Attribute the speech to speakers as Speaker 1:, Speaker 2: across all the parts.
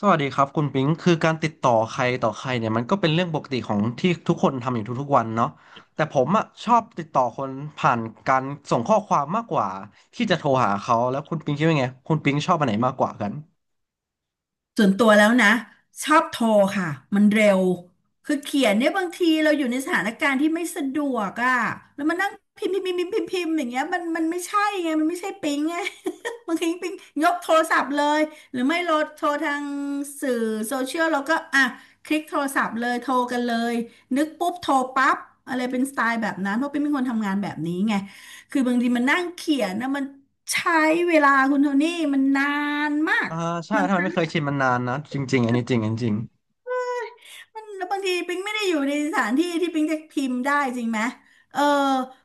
Speaker 1: สวัสดีครับคุณปิงคือการติดต่อใครต่อใครเนี่ยมันก็เป็นเรื่องปกติของที่ทุกคนทำอยู่ทุกๆวันเนาะแต่ผมอ่ะชอบติดต่อคนผ่านการส่งข้อความมากกว่าที่จะโทรหาเขาแล้วคุณปิงคิดว่าไงคุณปิงชอบอันไหนมากกว่ากัน
Speaker 2: ส่วนตัวแล้วนะชอบโทรค่ะมันเร็วคือเขียนเนี่ยบางทีเราอยู่ในสถานการณ์ที่ไม่สะดวกอ่ะแล้วมานั่งพิมพ์พิมพ์พิมพ์พิมพ์พิมพ์อย่างเงี้ยมันไม่ใช่ไงมันไม่ใช่ปิ๊งไง บางทีปิ๊งยกโทรศัพท์เลยหรือไม่โหลดโทรทางสื่อโซเชียลเราก็อ่ะคลิกโทรศัพท์เลยโทรกันเลยนึกปุ๊บโทรปั๊บอะไรเป็นสไตล์แบบนั้นเพราะปิ๊งเป็นคนทำงานแบบนี้ไงคือบางทีมันนั่งเขียนนะมันใช้เวลาคุณโทนี่มันนานมาก
Speaker 1: อ่าใช่ถ้ามันไม่เคยชินมันนานนะจริงๆอันนี้จริงอันนี้จริง
Speaker 2: มันแล้วบางทีปิงไม่ได้อยู่ในสถานที่ที่ปิงจะพิมพ์ได้จริงไหมเออ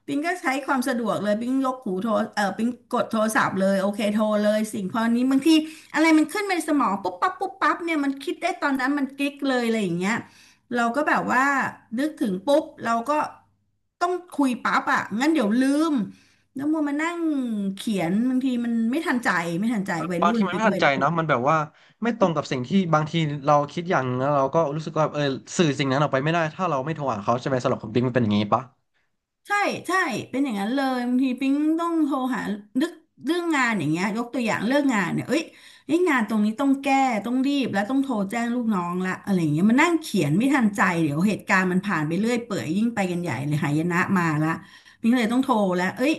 Speaker 2: ปิงก็ใช้ความสะดวกเลยปิงยกหูโทรเออปิงกดโทรศัพท์เลยโอเคโทรเลยสิ่งพอนี้บางทีอะไรมันขึ้นมาในสมองปุ๊บปั๊บปุ๊บปั๊บเนี่ยมันคิดได้ตอนนั้นมันกิ๊กเลยอะไรอย่างเงี้ยเราก็แบบว่านึกถึงปุ๊บเราก็ต้องคุยปั๊บอ่ะงั้นเดี๋ยวลืมแล้วมัวมานั่งเขียนบางทีมันไม่ทันใจไม่ทันใจวัย
Speaker 1: บาง
Speaker 2: รุ่
Speaker 1: ที
Speaker 2: น
Speaker 1: มัน
Speaker 2: ปิ๊
Speaker 1: ไม่
Speaker 2: ง
Speaker 1: ทัน
Speaker 2: วัย
Speaker 1: ใจ
Speaker 2: รุ่
Speaker 1: เนาะ
Speaker 2: น
Speaker 1: มันแบบว่าไม่ตรงกับสิ่งที่บางทีเราคิดอย่างนึงแล้วเราก็รู้สึกว่าเออสื่อสิ่งนั้นออกไปไม่ได้ถ้าเราไม่โทรหาเขาใช่ไหมสำหรับคุณปิงมันเป็นอย่างนี้ปะ
Speaker 2: ใช่ใช่เป็นอย่างนั้นเลยบางทีปิ๊งต้องโทรหานึกเรื่องงานอย่างเงี้ยยกตัวอย่างเรื่องงานเนี่ยเอ้ยงานตรงนี้ต้องแก้ต้องรีบแล้วต้องโทรแจ้งลูกน้องละอะไรอย่างเงี้ยมันนั่งเขียนไม่ทันใจเดี๋ยวเหตุการณ์มันผ่านไปเรื่อยเปื่อยยิ่งไปกันใหญ่เลยหายนะมาละปิ๊งเลยต้องโทรแล้วเอ้ย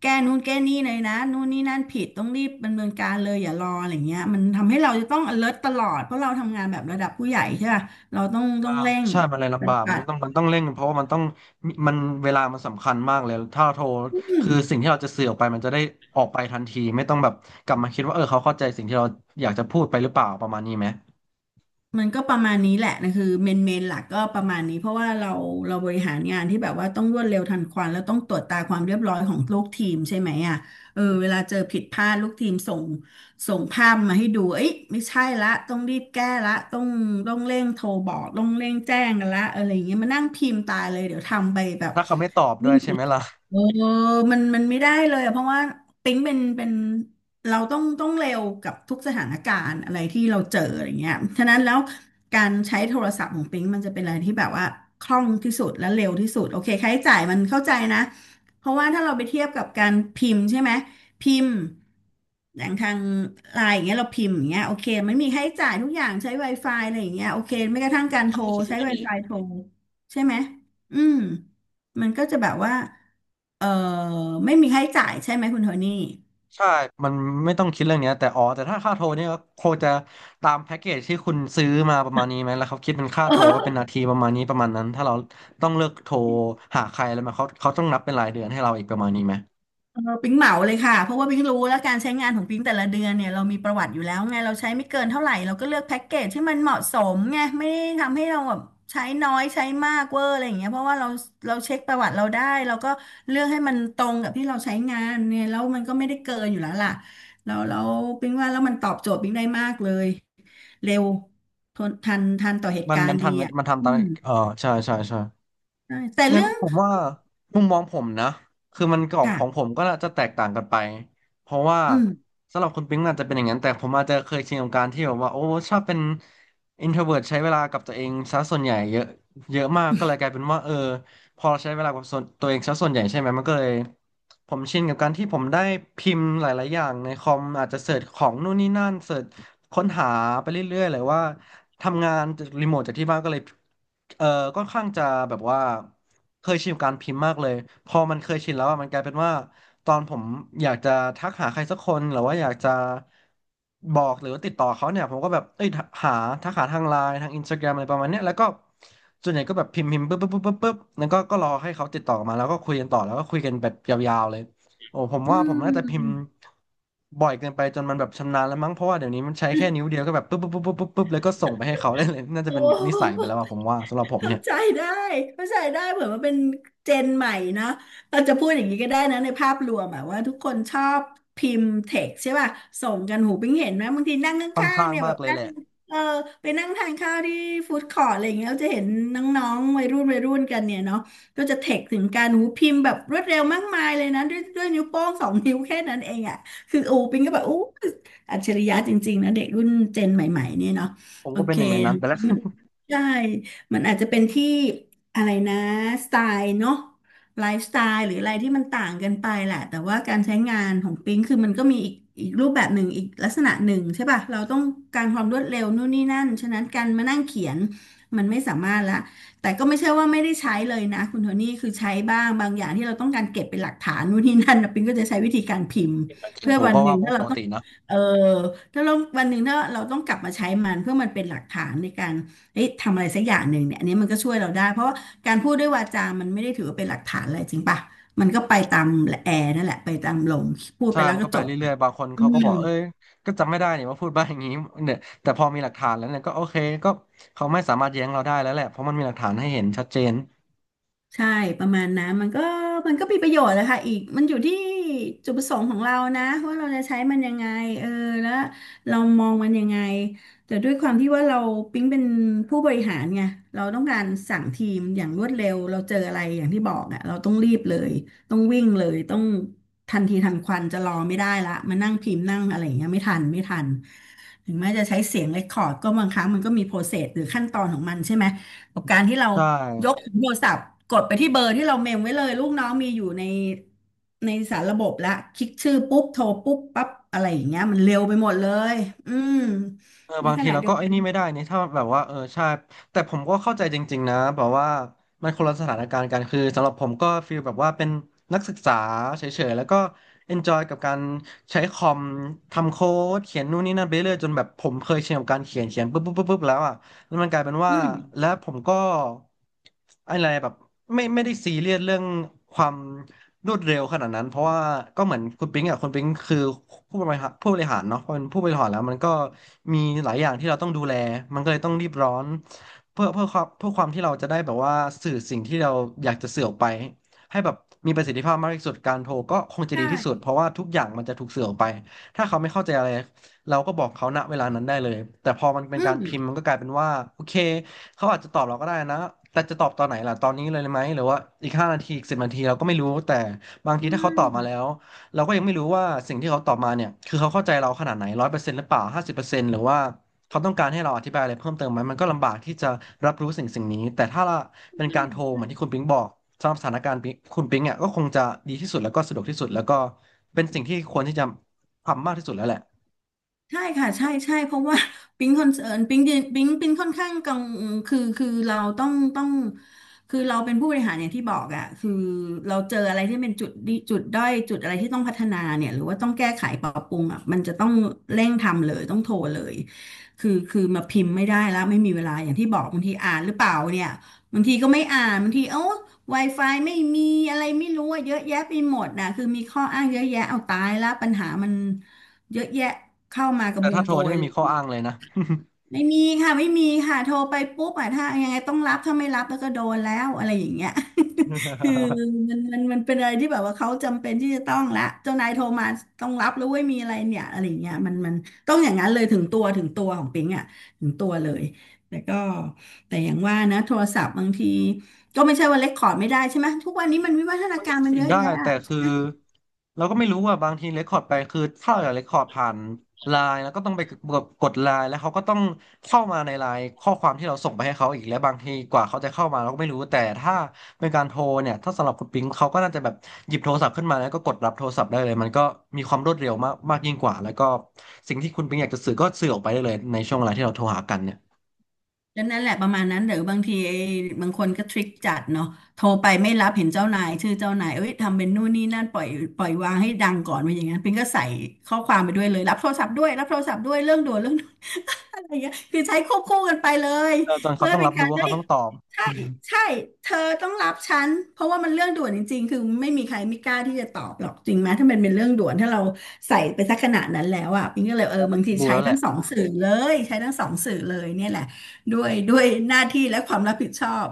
Speaker 2: แก้นู่นแก้นี่เลยนะนู่นนี่นั่นผิดต้องรีบดำเนินการเลยอย่ารออะไรเงี้ยมันทำให้เราจะต้อง alert ตลอดเพราะเราทำงานแบบระดับผู้ใหญ่ใช่ป่ะเราต้องต้
Speaker 1: อ่า
Speaker 2: องเร่ง
Speaker 1: ใช่มันเลย
Speaker 2: ป
Speaker 1: ลำบา
Speaker 2: ฏิ
Speaker 1: ก
Speaker 2: บั
Speaker 1: มัน
Speaker 2: ติ
Speaker 1: ต้องมันต้องเร่งเพราะว่ามันต้องมีมันเวลามันสำคัญมากเลยถ้าเราโทรคือสิ่งที่เราจะสื่อออกไปมันจะได้ออกไปทันทีไม่ต้องแบบกลับมาคิดว่าเออเขาเข้าใจสิ่งที่เราอยากจะพูดไปหรือเปล่าประมาณนี้ไหม
Speaker 2: มันก็ประมาณนี้แหละนะคือเมนหลักก็ประมาณนี้เพราะว่าเราบริหารงานที่แบบว่าต้องรวดเร็วทันควันแล้วต้องตรวจตาความเรียบร้อยของลูกทีมใช่ไหมอ่ะเออเวลาเจอผิดพลาดลูกทีมส่งภาพมาให้ดูเอ้ยไม่ใช่ละต้องรีบแก้ละต้องเร่งโทรบอกต้องเร่งแจ้งกันละอะไรอย่างเงี้ยมานั่งพิมพ์ตายเลยเดี๋ยวทำไปแบบ
Speaker 1: ถ้าเขาไม่ตอบด้
Speaker 2: ไม่
Speaker 1: วยใช่
Speaker 2: มี
Speaker 1: ไหมล่ะ
Speaker 2: เออมันมันไม่ได้เลยอะเพราะว่าปิ๊งเป็นเราต้องเร็วกับทุกสถานการณ์อะไรที่เราเจออะไรเงี้ยฉะนั้นแล้วการใช้โทรศัพท์ของปิ๊งมันจะเป็นอะไรที่แบบว่าคล่องที่สุดและเร็วที่สุดโอเคค่าใช้จ่ายมันเข้าใจนะเพราะว่าถ้าเราไปเทียบกับการพิมพ์ใช่ไหมพิมพ์อย่างทางไลน์อย่างเงี้ยเราพิมพ์อย่างเงี้ยโอเคมันมีค่าใช้จ่ายทุกอย่างใช้ Wi-Fi อะไรอย่างเงี้ยโอเคไม่กระทั่งการโทรใช้ Wi-Fi โทรใช่ไหมอืม มันก็จะแบบว่าเออไม่มีค่าใช้จ่ายใช่ไหมคุณโทนี่
Speaker 1: ใช่มันไม่ต้องคิดเรื่องเนี้ยแต่อ๋อแต่ถ้าค่าโทรเนี่ยก็คงจะตามแพ็กเกจที่คุณซื้อมาประมาณนี้ไหมแล้วเขาคิดเป็นค่าโทรว่าเป็น
Speaker 2: เออ
Speaker 1: นาทีประมาณนี้ประมาณนั้นถ้าเราต้องเลือกโทรหาใครอะไรมาเขาต้องนับเป็นรายเดือนให้เราอีกประมาณนี้ไหม
Speaker 2: เออปิ๊งเหมาเลยค่ะเพราะว่าปิ๊งรู้แล้วการใช้งานของปิ๊งแต่ละเดือนเนี่ยเรามีประวัติอยู่แล้วไงเราใช้ไม่เกินเท่าไหร่เราก็เลือกแพ็กเกจที่มันเหมาะสมไงไม่ได้ทำให้เราแบบใช้น้อยใช้มากเวอร์อะไรอย่างเงี้ยเพราะว่าเราเช็คประวัติเราได้เราก็เลือกให้มันตรงกับที่เราใช้งานเนี่ยแล้วมันก็ไม่ได้เกินอยู่แล้วล่ะแล้วปิ๊งว่าแล้วมันตอบโจทย์ปิ๊งได้มากเลยเร็วทนทันต่อเหตุ
Speaker 1: มัน
Speaker 2: กา
Speaker 1: มั
Speaker 2: ร
Speaker 1: น
Speaker 2: ณ์
Speaker 1: ทั
Speaker 2: ดี
Speaker 1: น
Speaker 2: อ่ะ
Speaker 1: มันทำ
Speaker 2: อื
Speaker 1: ตาม
Speaker 2: ม
Speaker 1: เออใช่ใช่ใช่
Speaker 2: ใช่แต่
Speaker 1: งั้น
Speaker 2: เรื่อง
Speaker 1: ผมว่ามุมมองผมนะคือมันของผ
Speaker 2: ค่ะ
Speaker 1: มก็น่าจะแตกต่างกันไปเพราะว่า
Speaker 2: อืม
Speaker 1: สำหรับคุณปิ๊งอาจจะเป็นอย่างนั้นแต่ผมอาจจะเคยชินกับการที่แบบว่าโอ้ชอบเป็น introvert ใช้เวลากับตัวเองซะส่วนใหญ่เยอะเยอะมากก็เลยกลายเป็นว่าเออพอเราใช้เวลากับส่วนตัวเองซะส่วนใหญ่ใช่ไหมมันก็เลยผมชินกับการที่ผมได้พิมพ์หลายๆอย่างในคอมอาจจะเสิร์ชของนู่นนี่นั่นเสิร์ชค้นหาไปเรื่อยๆเลยว่า ทำงานรีโมทจากที่บ้านก็เลยเอ่อค่อนข้างจะแบบว่าเคยชินกับการพิมพ์มากเลยพอมันเคยชินแล้วอะมันกลายเป็นว่าตอนผมอยากจะทักหาใครสักคนหรือว่าอยากจะบอกหรือว่าติดต่อเขาเนี่ยผมก็แบบเอ้ยหาทักหาทางไลน์ทางอินสตาแกรมอะไรประมาณเนี้ยแล้วก็ส่วนใหญ่ก็แบบพิมพ์ปุ๊บปุ๊บปุ๊บปุ๊บปุ๊บแล้วก็รอให้เขาติดต่อมาแล้วก็คุยกันต่อแล้วก็คุยกันแบบยาวๆเลย โอ้ผม
Speaker 2: อื
Speaker 1: ว่าผมน่าจะพิมพ์
Speaker 2: ม
Speaker 1: บ่อยเกินไปจนมันแบบชำนาญแล้วมั้งเพราะว่าเดี๋ยวนี้มันใช้แค่นิ้วเดียวก็แบบปุ๊บปุ๊บปุ๊บปุ๊บปุ๊บป๊บแล้วก็ส่งไปให้เขา ได้เลยน่าจะ
Speaker 2: โอ้
Speaker 1: เป็นนิสัยไปแล้วอะผมว่าสำหรับผม
Speaker 2: เข้า
Speaker 1: เนี่ย
Speaker 2: ใจได้เข้าใจได้เผื่อมันเป็นเจนใหม่นะเราจะพูดอย่างนี้ก็ได้นะในภาพรวมอะว่าทุกคนชอบพิมพ์เท็กใช่ป่ะส่งกันหูปิ้งเห็นไหมบางทีนั่งข
Speaker 1: ค่อน
Speaker 2: ้างๆ
Speaker 1: ข้าง
Speaker 2: เนี่ยแบ
Speaker 1: มาก
Speaker 2: บ
Speaker 1: เลย
Speaker 2: นั่
Speaker 1: แห
Speaker 2: ง
Speaker 1: ละ
Speaker 2: เออไปนั่งทานข้าวที่ฟู้ดคอร์ทอะไรอย่างเงี้ยเราจะเห็นน้องๆวัยรุ่นวัยรุ่นกันเนี่ยเนาะก็จะเท็กถึงการหูพิมพ์แบบรวดเร็วมากมายเลยนะด้วยนิ้วโป้ง2 นิ้วแค่นั้นเองอะคือโอ้ปิ้งก็แบบอู้อัจฉริยะจริงๆนะเด็กรุ่นเจนใหม่ๆเนี่ยเนาะ
Speaker 1: ผม
Speaker 2: โอ
Speaker 1: ก็เป็
Speaker 2: เค
Speaker 1: นหนึ่งในนั้นไปแล้ว
Speaker 2: ใช่ มันอาจจะเป็นที่อะไรนะสไตล์เนาะไลฟ์สไตล์หรืออะไรที่มันต่างกันไปแหละแต่ว่าการใช้งานของปิ๊งคือมันก็มีอีกรูปแบบหนึ่งอีกลักษณะหนึ่งใช่ป่ะเราต้องการความรวดเร็วนู่นนี่นั่นฉะนั้นการมานั่งเขียนมันไม่สามารถละแต่ก็ไม่ใช่ว่าไม่ได้ใช้เลยนะคุณโทนี่คือใช้บ้างบางอย่างที่เราต้องการเก็บเป็นหลักฐานนู่นนี่นั่นนะปิ๊งก็จะใช้วิธีการพิมพ์เพื่ อ
Speaker 1: ผม
Speaker 2: วัน
Speaker 1: ก็
Speaker 2: หนึ่
Speaker 1: ว่า
Speaker 2: งถ้า
Speaker 1: ป
Speaker 2: เรา
Speaker 1: ก
Speaker 2: ต้อง
Speaker 1: ตินะ
Speaker 2: เออถ้าเราวันหนึ่งถ้าเราต้องกลับมาใช้มันเพื่อมันเป็นหลักฐานในการ เอ้ยทำอะไรสักอย่างหนึ่งเนี่ยอันนี้มันก็ช่วยเราได้เพราะว่าการพูดด้วยวาจามันไม่ได้ถือว่าเป็นหลักฐานอะไรจริงป่ะ มันก็ไปตามแอร์นั่นแหละไปตามลมพูด
Speaker 1: ใช่
Speaker 2: ไปแล้ว
Speaker 1: มัน
Speaker 2: ก็
Speaker 1: ก็ไป
Speaker 2: จบ
Speaker 1: เรื่อยๆบางคน
Speaker 2: อื
Speaker 1: เขาก็
Speaker 2: ม
Speaker 1: บอกเอ้ยก็จำไม่ได้เนี่ยว่าพูดบ้าอย่างนี้เนี่ยแต่พอมีหลักฐานแล้วเนี่ยก็โอเคก็เขาไม่สามารถแย้งเราได้แล้วแหละเพราะมันมีหลักฐานให้เห็นชัดเจน
Speaker 2: ใช่ประมาณนั้นมันก็มีประโยชน์แหละค่ะอีกมันอยู่ที่จุดประสงค์ของเรานะว่าเราจะใช้มันยังไงเออแล้วเรามองมันยังไงแต่ด้วยความที่ว่าเราปิ๊งเป็นผู้บริหารไงเราต้องการสั่งทีมอย่างรวดเร็วเราเจออะไรอย่างที่บอกอ่ะเราต้องรีบเลยต้องวิ่งเลยต้องทันทีทันควันจะรอไม่ได้ละมานั่งพิมพ์นั่งอะไรอย่างเงี้ยไม่ทันไม่ทันถึงแม้จะใช้เสียงเรคคอร์ดก็บางครั้งมันก็มีโปรเซสหรือขั้นตอนของมันใช่ไหมกับการที่เรา
Speaker 1: ใช่
Speaker 2: ยกโทรศัพท์กดไปที่เบอร์ที่เราเมมไว้เลยลูกน้องมีอยู่ในในสารระบบละคลิกชื่อปุ๊บโทรปุ๊บปั๊บอะไรอย่างเงี้ยมันเร็วไปหมดเลยอืม
Speaker 1: เออ
Speaker 2: ใน
Speaker 1: บาง
Speaker 2: ข
Speaker 1: ที
Speaker 2: ณะ
Speaker 1: เรา
Speaker 2: เดีย
Speaker 1: ก็
Speaker 2: ว
Speaker 1: ไอ้
Speaker 2: กัน
Speaker 1: นี่ไม่ได้นี่ถ้าแบบว่าเออใช่แต่ผมก็เข้าใจจริงๆนะแบบว่ามันคนละสถานการณ์กันคือสำหรับผมก็ฟีลแบบว่าเป็นนักศึกษาเฉยๆแล้วก็ enjoy กับการใช้คอมทำโค้ดเขียนนู่นนี่นั่นไปเรื่อยจนแบบผมเคยชินกับการเขียนปุ๊บปุ๊บปุ๊บปุ๊บแล้วอ่ะ แล้วมันกลายเป็น
Speaker 2: อื
Speaker 1: ว่า
Speaker 2: ม
Speaker 1: แล้วผมก็อะไรแบบไม่ได้ซีเรียสเรื่องความรวดเร็วขนาดนั้นเพราะว่าก็เหมือนคุณปิ๊งอ่ะคุณปิ๊งคือผู้บริหารเนาะพอเป็นผู้บริหารแล้วมันก็มีหลายอย่างที่เราต้องดูแลมันก็เลยต้องรีบร้อนเพื่อเพื่อความเพื่อความที่เราจะได้แบบว่าสื่อสิ่งที่เราอยากจะสื่อออกไปให้แบบมีประสิทธิภาพมากที่สุดการโทรก็คงจะ
Speaker 2: ใช่
Speaker 1: ดีที่สุดเพราะว่าทุกอย่างมันจะถูกสื่อออกไปถ้าเขาไม่เข้าใจอะไร เราก็บอกเขาณเวลานั้นได้เลยแต่พอมันเป็น
Speaker 2: อื
Speaker 1: การ
Speaker 2: ม
Speaker 1: พิมพ์มันก็กลายเป็นว่าโอเคเขาอาจจะตอบเราก็ได้นะแต่จะตอบตอนไหนล่ะตอนนี้เลยไหมหรือว่าอีก5 นาทีอีก10 นาทีเราก็ไม่รู้แต่บางที
Speaker 2: ใช่
Speaker 1: ถ้าเขาตอบมาแล้วเราก็ยังไม่รู้ว่าสิ่งที่เขาตอบมาเนี่ยคือเขาเข้าใจเราขนาดไหน100%หรือเปล่า50%หรือว่าเขาต้องการให้เราอธิบายอะไรเพิ่มเติมไหมมันก็ลำบากที่จะรับรู้สิ่งนี้แต่ถ้าเป็นการโทรเหมือนที่คุณปิ๊งบอกสำหรับสถานการณ์ปิ๊งคุณปิ๊งเนี่ยก็คงจะดีที่สุดแล้วก็สะดวกที่สุดแล้วก็เป็นสิ่งที่ควรที่จะทำมากที่สุดแล้วแหละ
Speaker 2: ใช่ค่ะใช่ใช่เพราะว่า ปิ๊งคอนเซิร์นปิ๊งเนยปิ๊งค่อนข้างกังคือเราต้องคือเราเป็นผู้บริหารอย่างที่บอกอ่ะคือเราเจออะไรที่เป็นจุดดีจุดด้อยจุดอะไรที่ต้องพัฒนาเนี่ยหรือว่าต้องแก้ไขปรับปรุงอ่ะมันจะต้องเร่งทำเลยต้องโทรเลยคือมาพิมพ์ไม่ได้แล้วไม่มีเวลาอย่างที่บอกบางทีอ่านหรือเปล่าเนี่ยบางทีก็ไม่อ่านบางทีเอ้า Wi-Fi ไม่มีอะไรไม่รู้อะเยอะแยะไปหมดนะคือมีข้ออ้างเยอะแยะเอาตายแล้วปัญหามัน เยอะแยะเข้ามากระ
Speaker 1: แต่
Speaker 2: บุง
Speaker 1: ถ้าโทร
Speaker 2: โก
Speaker 1: นี่
Speaker 2: ย
Speaker 1: ไม่
Speaker 2: เล
Speaker 1: มีข้อ
Speaker 2: ย
Speaker 1: อ้างเลยนะ
Speaker 2: ไม่มีค่ะไม่มีค่ะโทรไปปุ๊บอ่ะถ้ายังไงต้องรับถ้าไม่รับแล้วก็โดนแล้วอะไรอย่างเงี้ย คือ มันเป็นอะไรที่แบบว่าเขาจำเป็นที่จะต้องละเจ้านายโทรมาต้องรับแล้วเว้ยมีอะไรเนี่ยอะไรอย่างเงี้ยมันต้องอย่างนั้นเลยถึงตัวของปิงอ่ะถึงตัวเลยแต่ก็แต่อย่างว่านะโทรศัพท์บางทีก็ไม่ใช่ว่าเล็กคอร์ดไม่ได้ใช่ไหมทุกวันนี้มันวิวัฒนา
Speaker 1: มัน
Speaker 2: กา
Speaker 1: ก็
Speaker 2: รมัน
Speaker 1: สิท
Speaker 2: เย
Speaker 1: ธิ์
Speaker 2: อะ
Speaker 1: ได้
Speaker 2: แยะ
Speaker 1: แต่คือเราก็ไม่รู้ว่าบางทีเรคคอร์ดไปคือถ้าเราอยากเรคคอร์ดผ่านไลน์แล้วก็ต้องไปกดไลน์แล้วเขาก็ต้องเข้ามาในไลน์ข้อความที่เราส่งไปให้เขาอีกแล้วบางทีกว่าเขาจะเข้ามาเราก็ไม่รู้แต่ถ้าเป็นการโทรเนี่ยถ้าสำหรับคุณปิงเขาก็น่าจะแบบหยิบโทรศัพท์ขึ้นมาแล้วก็กดรับโทรศัพท์ได้เลยมันก็มีความรวดเร็วมากมากยิ่งกว่าแล้วก็สิ่งที่คุณปิงอยากจะสื่อก็สื่อออกไปได้เลยในช่วงเวลาที่เราโทรหากันเนี่ย
Speaker 2: ก็นั่นแหละประมาณนั้นหรือบางทีไอ้บางคนก็ทริคจัดเนาะโทรไปไม่รับเห็นเจ้านายชื่อเจ้านายเอ้ยทำเป็นนู่นนี่นั่นปล่อยวางให้ดังก่อนไปอย่างนั้นปิงก็ใส่ข้อความไปด้วยเลยรับโทรศัพท์ด้วยรับโทรศัพท์ด้วยเรื่องด่วนเรื่องด่วนอะไรเงี้ยคือใช้ควบคู่กันไปเลย
Speaker 1: ตออจนเขา
Speaker 2: เพื่อ
Speaker 1: ต้อง
Speaker 2: เป็
Speaker 1: รั
Speaker 2: น
Speaker 1: บ
Speaker 2: กา
Speaker 1: รู้
Speaker 2: ร
Speaker 1: ว่า
Speaker 2: ได้
Speaker 1: เขาต้องตอบ
Speaker 2: ใช่ใช่เธอต้องรับฉันเพราะว่ามันเรื่องด่วนจริงๆคือไม่มีใครไม่กล้าที่จะตอบหรอกจริงไหมถ้ามันเป็นเรื่องด่วนถ้าเราใส่ไปสักขนาดนั้นแล้วอ่ะปิงก็เลยเออบางที
Speaker 1: ดู
Speaker 2: ใช้
Speaker 1: แล้วแห
Speaker 2: ทั้
Speaker 1: ละ
Speaker 2: งสองสื่อเลยใช้ทั้งสองสื่อเลยเนี่ยแหละด้วยหน้าที่และความรับผิดชอบ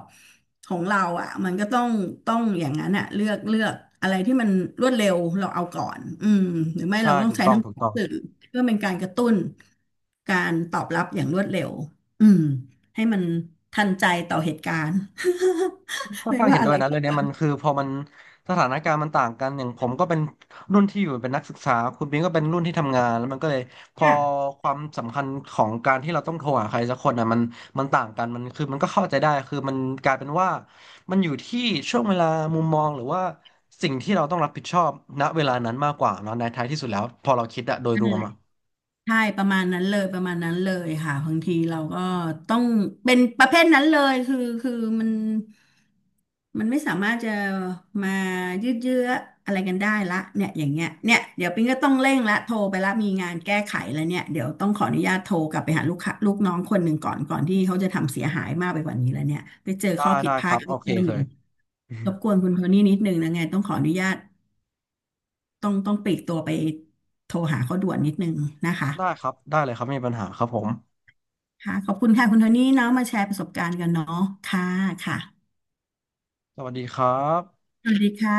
Speaker 2: ของเราอ่ะมันก็ต้องต้องอย่างนั้นอ่ะเลือกอะไรที่มันรวดเร็วเราเอาก่อนอืมหรือไม่
Speaker 1: ใช่
Speaker 2: เราต้อง
Speaker 1: ถูก
Speaker 2: ใช้
Speaker 1: ต้อง
Speaker 2: ทั้ง
Speaker 1: ถู
Speaker 2: ส
Speaker 1: ก
Speaker 2: อง
Speaker 1: ต้อง
Speaker 2: สื่อเพื่อเป็นการกระตุ้นการตอบรับอย่างรวดเร็วอืม ให้มันทันใจต่อเหตุการณ์
Speaker 1: ค่ อน
Speaker 2: ไม่
Speaker 1: ข้าง
Speaker 2: ว่า
Speaker 1: เห็น
Speaker 2: อะ
Speaker 1: ด้ว
Speaker 2: ไร
Speaker 1: ยนะ
Speaker 2: ก็
Speaker 1: เรื่องเนี้ยมันคือพอมันสถานการณ์มันต่างกันอย่างผมก็เป็นรุ่นที่อยู่เป็นนักศึกษาคุณบิงก็เป็นรุ่นที่ทำงานแล้วมันก็เลยพอ
Speaker 2: ค่ะ
Speaker 1: ความสำคัญของการที่เราต้องโทรหาใครสักคนอ่ะมันต่างกันมันคือมันก็เข้าใจได้คือมันกลายเป็นว่ามันอยู่ที่ช่วงเวลามุมมองหรือว่าสิ่งที่เราต้องรับผิดชอบณเวลานั้นมากกว่าเนาะในท้ายที่สุดแล้วพอเราคิดอะโดย
Speaker 2: นั่
Speaker 1: ร
Speaker 2: น
Speaker 1: วม
Speaker 2: แหละ
Speaker 1: อะ
Speaker 2: ใช่ประมาณนั้นเลยประมาณนั้นเลยค่ะบางทีเราก็ต้องเป็นประเภทนั้นเลยคือมันมันไม่สามารถจะมายืดเยื้ออะไรกันได้ละเนี่ยอย่างเงี้ยเนี่ยเดี๋ยวปิ๊งก็ต้องเร่งละโทรไปละมีงานแก้ไขแล้วเนี่ยเดี๋ยวต้องขออนุญาตโทรกลับไปหาลูกค้าลูกน้องคนหนึ่งก่อนที่เขาจะทำเสียหายมากไปกว่านี้แล้วเนี่ยไปเจอ
Speaker 1: ได้
Speaker 2: ข้อผิด
Speaker 1: ได้
Speaker 2: พ
Speaker 1: ค
Speaker 2: ลา
Speaker 1: รั
Speaker 2: ด
Speaker 1: บโอ
Speaker 2: อีก
Speaker 1: เค
Speaker 2: เรื่องห
Speaker 1: เค
Speaker 2: นึ่ง
Speaker 1: ย
Speaker 2: รบกวนคุณโทนี่นิดนึงนะไงต้องขออนุญาตต้องปลีกตัวไปโทรหาเขาด่วนนิดนึงนะคะ
Speaker 1: ได้ครับได้เลยครับไม่มีปัญหาครับผม
Speaker 2: ค่ะขอบคุณค่ะคุณโทนี่เนาะมาแชร์ประสบการณ์กันเนาะค่ะค่ะ
Speaker 1: สวัสดีครับ
Speaker 2: สวัสดีค่ะ